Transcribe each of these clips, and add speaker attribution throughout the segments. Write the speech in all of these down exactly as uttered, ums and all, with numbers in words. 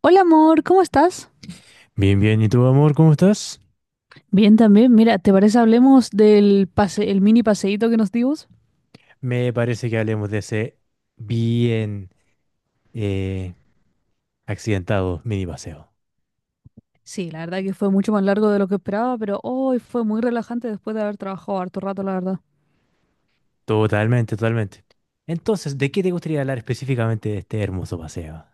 Speaker 1: Hola amor, ¿cómo estás?
Speaker 2: Bien, bien. ¿Y tú, amor, cómo estás?
Speaker 1: Bien, también, mira, ¿te parece hablemos del pase, el mini paseíto que nos dimos?
Speaker 2: Me parece que hablemos de ese bien, eh, accidentado mini paseo.
Speaker 1: Sí, la verdad que fue mucho más largo de lo que esperaba, pero hoy fue muy relajante después de haber trabajado harto rato, la verdad.
Speaker 2: Totalmente, totalmente. Entonces, ¿de qué te gustaría hablar específicamente de este hermoso paseo?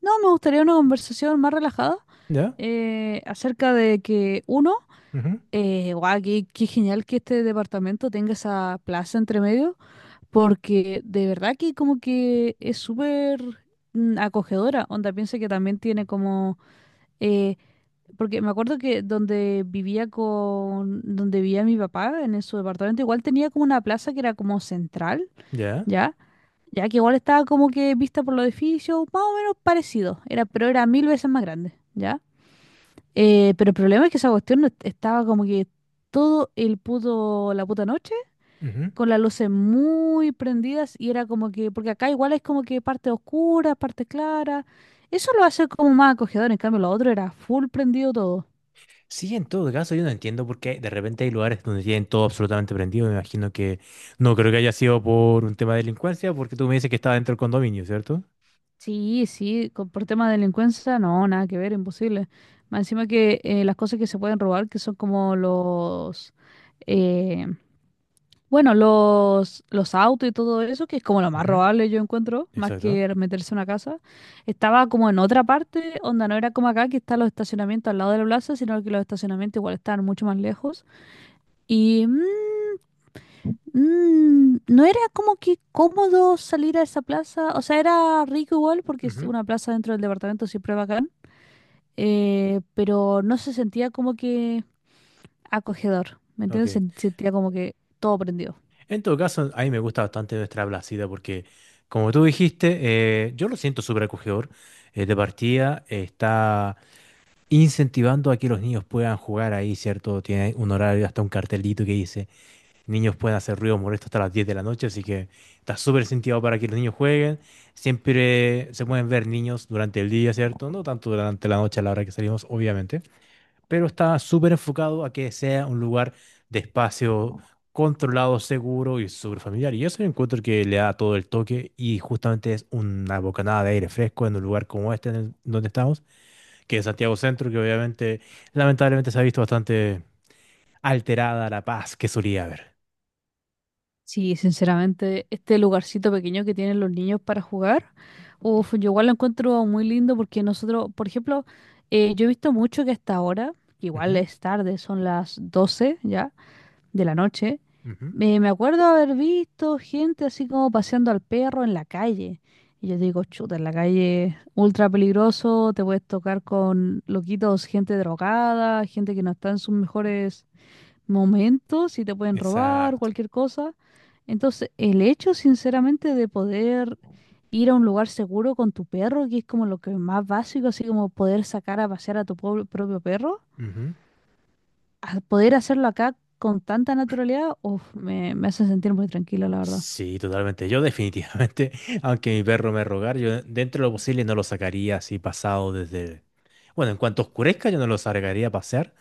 Speaker 1: No, me gustaría una conversación más relajada
Speaker 2: Ya.
Speaker 1: eh, acerca de que uno,
Speaker 2: Ujú.
Speaker 1: eh, guau, qué, qué genial que este departamento tenga esa plaza entre medio, porque de verdad que como que es súper mm, acogedora. Onda, piensa que también tiene como... eh, Porque me acuerdo que donde vivía con, donde vivía mi papá, en su departamento, igual tenía como una plaza que era como central,
Speaker 2: ¿Ya?
Speaker 1: ¿ya? Ya que igual estaba como que vista por los edificios, más o menos parecido, era, pero era mil veces más grande, ¿ya? Eh, pero el problema es que esa cuestión no est- estaba como que todo el puto, la puta noche,
Speaker 2: Ujú.
Speaker 1: con las luces muy prendidas, y era como que, porque acá igual es como que parte oscura, parte clara, eso lo hace como más acogedor, en cambio lo otro era full prendido todo.
Speaker 2: Sí, en todo caso, yo no entiendo por qué de repente hay lugares donde tienen todo absolutamente prendido. Me imagino que no creo que haya sido por un tema de delincuencia, porque tú me dices que estaba dentro del condominio, ¿cierto?
Speaker 1: Sí, sí, con- por tema de delincuencia, no, nada que ver, imposible. Más encima que eh, las cosas que se pueden robar, que son como los, eh, bueno, los, los autos y todo eso, que es como lo más
Speaker 2: Ujú.
Speaker 1: robable yo encuentro, más
Speaker 2: Exacto.
Speaker 1: que meterse en una casa, estaba como en otra parte, onda no era como acá, que están los estacionamientos al lado de la plaza, sino que los estacionamientos igual están mucho más lejos. Y mm, mm, no era como que cómodo salir a esa plaza. O sea, era rico igual porque es
Speaker 2: Ujú.
Speaker 1: una plaza dentro del departamento, siempre bacán. Eh, pero no se sentía como que acogedor. ¿Me
Speaker 2: Ok.
Speaker 1: entiendes? Se sentía como que todo prendido.
Speaker 2: En todo caso, a mí me gusta bastante nuestra Blasida porque, como tú dijiste, eh, yo lo siento súper acogedor. Eh, de partida, eh, está incentivando a que los niños puedan jugar ahí, ¿cierto? Tiene un horario, hasta un cartelito que dice, niños pueden hacer ruido molesto hasta las diez de la noche, así que está súper incentivado para que los niños jueguen. Siempre se pueden ver niños durante el día, ¿cierto? No tanto durante la noche a la hora que salimos, obviamente, pero está súper enfocado a que sea un lugar de espacio controlado, seguro y súper familiar. Y eso yo encuentro que le da todo el toque y justamente es una bocanada de aire fresco en un lugar como este en el- donde estamos, que es Santiago Centro, que obviamente, lamentablemente se ha visto bastante alterada la paz que solía haber.
Speaker 1: Sí, sinceramente, este lugarcito pequeño que tienen los niños para jugar, uf, yo igual lo encuentro muy lindo porque nosotros, por ejemplo, eh, yo he visto mucho que hasta ahora, que igual
Speaker 2: Ujú.
Speaker 1: es tarde, son las doce ya de la noche.
Speaker 2: Ujú.
Speaker 1: Eh, me acuerdo haber visto gente así como paseando al perro en la calle. Y yo digo, chuta, en la calle, ultra peligroso, te puedes tocar con loquitos, gente drogada, gente que no está en sus mejores momentos y te pueden robar,
Speaker 2: Exacto.
Speaker 1: cualquier cosa. Entonces, el hecho, sinceramente, de poder ir a un lugar seguro con tu perro, que es como lo que más básico, así como poder sacar a pasear a tu po- propio perro, a poder hacerlo acá con tanta naturalidad, uf, me, me hace sentir muy tranquilo, la verdad.
Speaker 2: Sí, totalmente. Yo definitivamente, aunque mi perro me rogar, yo dentro de lo posible no lo sacaría así pasado desde... Bueno, en cuanto oscurezca, yo no lo sacaría a pasear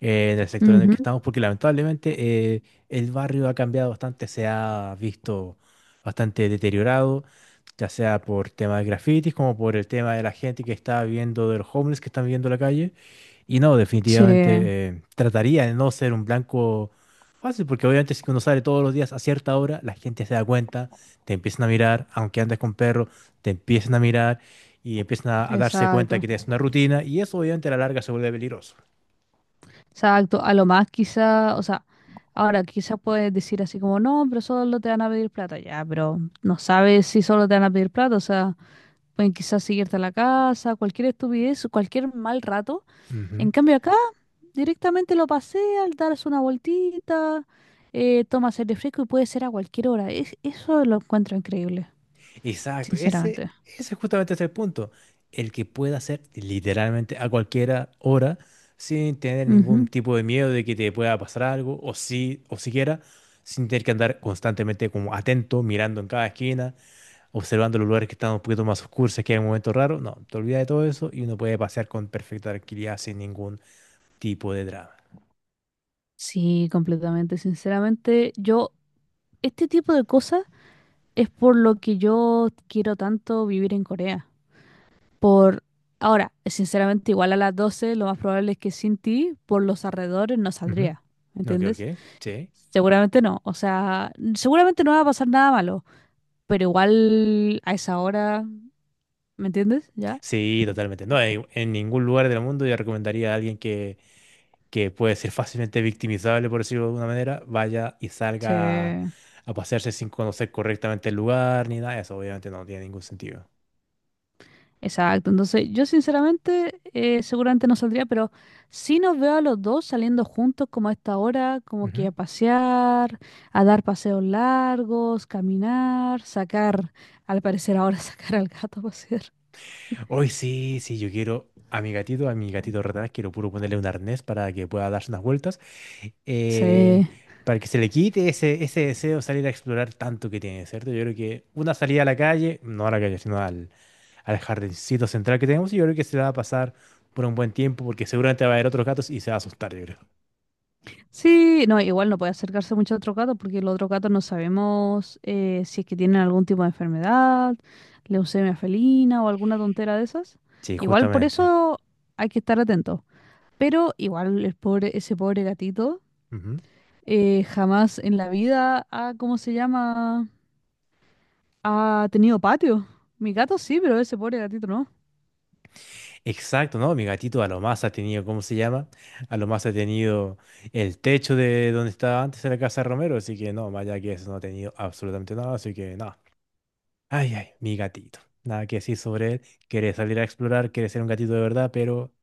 Speaker 2: eh, en el sector en el que
Speaker 1: Ujú.
Speaker 2: estamos, porque lamentablemente eh, el barrio ha cambiado bastante, se ha visto bastante deteriorado, ya sea por temas de grafitis como por el tema de la gente que está viviendo, de los homeless que están viviendo en la calle. Y no,
Speaker 1: Sí,
Speaker 2: definitivamente eh, trataría de no ser un blanco fácil, porque obviamente si uno sale todos los días a cierta hora, la gente se da cuenta, te empiezan a mirar, aunque andes con perro, te empiezan a mirar y empiezan a, a darse cuenta que
Speaker 1: exacto.
Speaker 2: tienes una rutina, y eso obviamente a la larga se vuelve peligroso.
Speaker 1: Exacto. A lo más quizá, o sea, ahora quizás puedes decir así como, no, pero solo te van a pedir plata, ya, pero no sabes si solo te van a pedir plata, o sea, pueden quizás seguirte a la casa, cualquier estupidez, cualquier mal rato.
Speaker 2: Ujú.
Speaker 1: En cambio acá, directamente lo paseas, das una vueltita, eh, tomas aire fresco y puede ser a cualquier hora. Es, eso lo encuentro increíble,
Speaker 2: Exacto, ese,
Speaker 1: sinceramente.
Speaker 2: ese justamente es el punto. El que pueda hacer literalmente a cualquier hora sin tener ningún
Speaker 1: Ujú.
Speaker 2: tipo de miedo de que te pueda pasar algo o sí o siquiera sin tener que andar constantemente como atento, mirando en cada esquina, observando los lugares que están un poquito más oscuros, que hay un momento raro. No, te olvidas de todo eso y uno puede pasear con perfecta tranquilidad sin ningún tipo de drama.
Speaker 1: Sí, completamente. Sinceramente, yo, este tipo de cosas es por lo que yo quiero tanto vivir en Corea. Por ahora, sinceramente, igual a las doce lo más probable es que sin ti, por los alrededores, no
Speaker 2: Ujú.
Speaker 1: saldría. ¿Me
Speaker 2: Ok, ok.
Speaker 1: entiendes?
Speaker 2: Sí.
Speaker 1: Seguramente no. O sea, seguramente no va a pasar nada malo. Pero igual a esa hora, ¿me entiendes? ¿Ya?
Speaker 2: Sí, totalmente. No, en en ningún lugar del mundo yo recomendaría a alguien que que puede ser fácilmente victimizable, por decirlo de alguna manera, vaya y salga a,
Speaker 1: Sí.
Speaker 2: a pasearse sin conocer correctamente el lugar ni nada de eso. Obviamente no tiene ningún sentido.
Speaker 1: Exacto, entonces yo sinceramente eh, seguramente no saldría, pero sí nos veo a los dos saliendo juntos como a esta hora, como que
Speaker 2: Ujú.
Speaker 1: a pasear, a dar paseos largos, caminar, sacar, al parecer ahora sacar al gato a pasear.
Speaker 2: Hoy sí, sí, yo quiero a mi gatito, a mi gatito retrás, quiero puro ponerle un arnés para que pueda darse unas vueltas, eh,
Speaker 1: Sí.
Speaker 2: para que se le quite ese, ese deseo de salir a explorar tanto que tiene, ¿cierto? Yo creo que una salida a la calle, no a la calle, sino al, al jardincito central que tenemos, yo creo que se la va a pasar por un buen tiempo porque seguramente va a haber otros gatos y se va a asustar, yo creo.
Speaker 1: Sí, no, igual no puede acercarse mucho a otro gato porque los otros gatos no sabemos eh, si es que tienen algún tipo de enfermedad, leucemia felina o alguna tontera de esas.
Speaker 2: Sí,
Speaker 1: Igual por
Speaker 2: justamente.
Speaker 1: eso hay que estar atento. Pero igual el pobre, ese pobre gatito
Speaker 2: Ujú.
Speaker 1: eh, jamás en la vida ha, ¿cómo se llama? Ha tenido patio. Mi gato sí, pero ese pobre gatito no.
Speaker 2: Exacto, ¿no? Mi gatito a lo más ha tenido, ¿cómo se llama? A lo más ha tenido el techo de donde estaba antes en la casa de Romero, así que no, más allá que eso no ha tenido absolutamente nada, así que no. Ay, ay, mi gatito. Nada que decir sobre él. Quiere salir a explorar, quiere ser un gatito de verdad, pero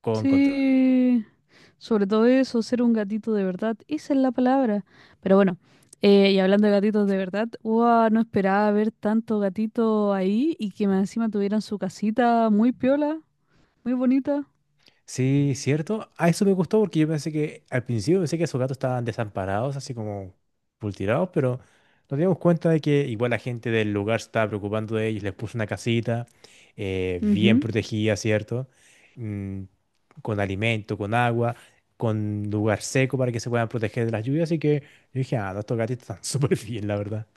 Speaker 2: con control.
Speaker 1: Sí, sobre todo eso, ser un gatito de verdad, esa es la palabra. Pero bueno, eh, y hablando de gatitos de verdad, ¡guau! No esperaba ver tanto gatito ahí y que más encima tuvieran su casita muy piola, muy bonita.
Speaker 2: Sí, cierto. A eso me gustó porque yo pensé que al principio pensé que esos gatos estaban desamparados, así como pultirados, pero nos dimos cuenta de que igual la gente del lugar se estaba preocupando de ellos, les puso una casita eh, bien
Speaker 1: Ujú.
Speaker 2: protegida, ¿cierto? Mm, con alimento, con agua, con lugar seco para que se puedan proteger de las lluvias. Así que yo dije, ah, no, estos gatitos están súper bien, la verdad.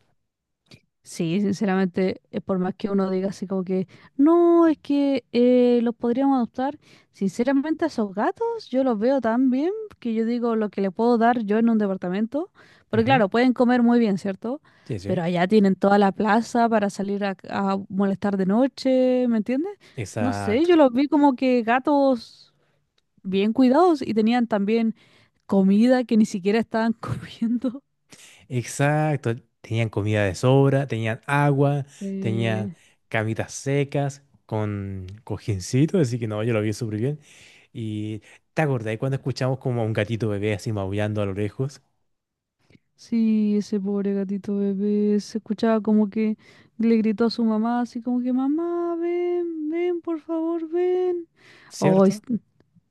Speaker 1: Sí, sinceramente, eh, por más que uno diga así como que, no, es que eh, los podríamos adoptar, sinceramente a esos gatos yo los veo tan bien que yo digo lo que le puedo dar yo en un departamento, porque
Speaker 2: Ujú.
Speaker 1: claro, pueden comer muy bien, ¿cierto?
Speaker 2: Sí, sí.
Speaker 1: Pero allá tienen toda la plaza para salir a, a molestar de noche, ¿me entiendes? No sé,
Speaker 2: Exacto.
Speaker 1: yo los vi como que gatos bien cuidados y tenían también comida que ni siquiera estaban comiendo.
Speaker 2: Exacto, tenían comida de sobra, tenían agua, tenían
Speaker 1: Sí.
Speaker 2: camitas secas con cojincito, así que no, yo lo vi súper bien. Y te acordás cuando escuchamos como a un gatito bebé así maullando a lo lejos,
Speaker 1: Sí, ese pobre gatito bebé se escuchaba como que le gritó a su mamá, así como que, mamá, ven, ven, por favor, ven. Oh,
Speaker 2: ¿cierto?
Speaker 1: es-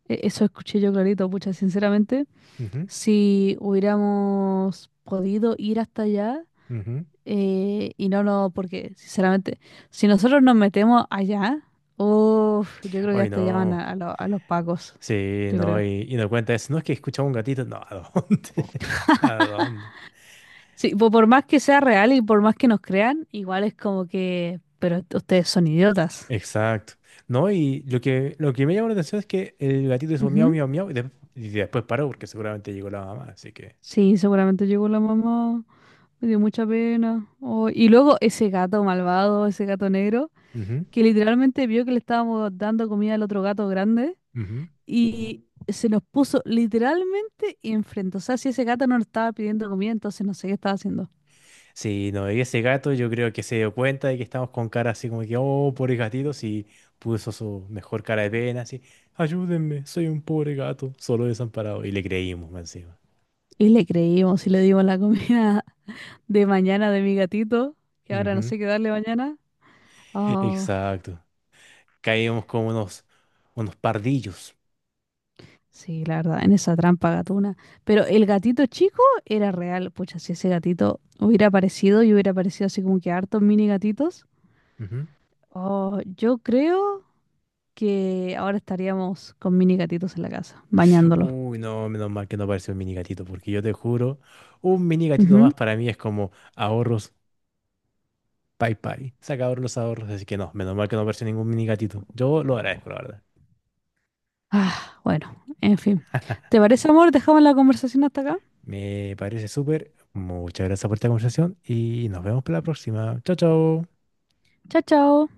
Speaker 1: e- eso escuché yo clarito, pucha, sinceramente,
Speaker 2: Ujú,
Speaker 1: si hubiéramos podido ir hasta allá,
Speaker 2: ujú.
Speaker 1: eh, y no, no, porque, sinceramente, si nosotros nos metemos allá, uff, yo creo que
Speaker 2: Ay,
Speaker 1: hasta allá van
Speaker 2: no,
Speaker 1: a, a lo- a los pacos,
Speaker 2: sí,
Speaker 1: yo
Speaker 2: no,
Speaker 1: creo.
Speaker 2: y, y no cuenta eso, no es que escuchamos un gatito, no, ¿a dónde? ¿A dónde?
Speaker 1: Sí, po- por más que sea real y por más que nos crean, igual es como que, pero ustedes son idiotas.
Speaker 2: Exacto. No, y lo que, lo que me llamó la atención es que el gatito hizo miau,
Speaker 1: Ujú.
Speaker 2: miau, miau, y, de- y después paró porque seguramente llegó la mamá, así que...
Speaker 1: Sí, seguramente llegó la mamá, me dio mucha pena. Oh, y luego ese gato malvado, ese gato negro,
Speaker 2: Ujú.
Speaker 1: que literalmente vio que le estábamos dando comida al otro gato grande
Speaker 2: Ujú.
Speaker 1: y se nos puso literalmente enfrente. O sea, si ese gato no nos estaba pidiendo comida, entonces no sé qué estaba haciendo.
Speaker 2: Sí, no, y ese gato yo creo que se dio cuenta de que estamos con cara así como que, oh, pobre gatito, y puso su mejor cara de pena, así, ayúdenme, soy un pobre gato, solo desamparado. Y le creímos más encima.
Speaker 1: Y le creímos y le dimos la comida de mañana de mi gatito, que ahora no
Speaker 2: Ujú.
Speaker 1: sé qué darle mañana. Ah,
Speaker 2: Exacto. Caímos como unos, unos pardillos.
Speaker 1: sí, la verdad, en esa trampa gatuna. Pero el gatito chico era real. Pucha, si ese gatito hubiera aparecido y hubiera aparecido así como que hartos mini gatitos,
Speaker 2: Ujú.
Speaker 1: oh, yo creo que ahora estaríamos con mini gatitos en la casa, bañándolos.
Speaker 2: Uy, no, menos mal que no apareció un mini gatito, porque yo te juro, un mini gatito más
Speaker 1: Ujú.
Speaker 2: para mí es como ahorros, bye bye. Se acabaron los ahorros, así que no, menos mal que no apareció ningún mini gatito. Yo lo agradezco, la verdad.
Speaker 1: Ah, bueno, en fin. ¿Te parece, amor? Dejamos la conversación hasta acá.
Speaker 2: Me parece súper. Muchas gracias por esta conversación y nos vemos para la próxima. Chao, chao.
Speaker 1: Chao, chao.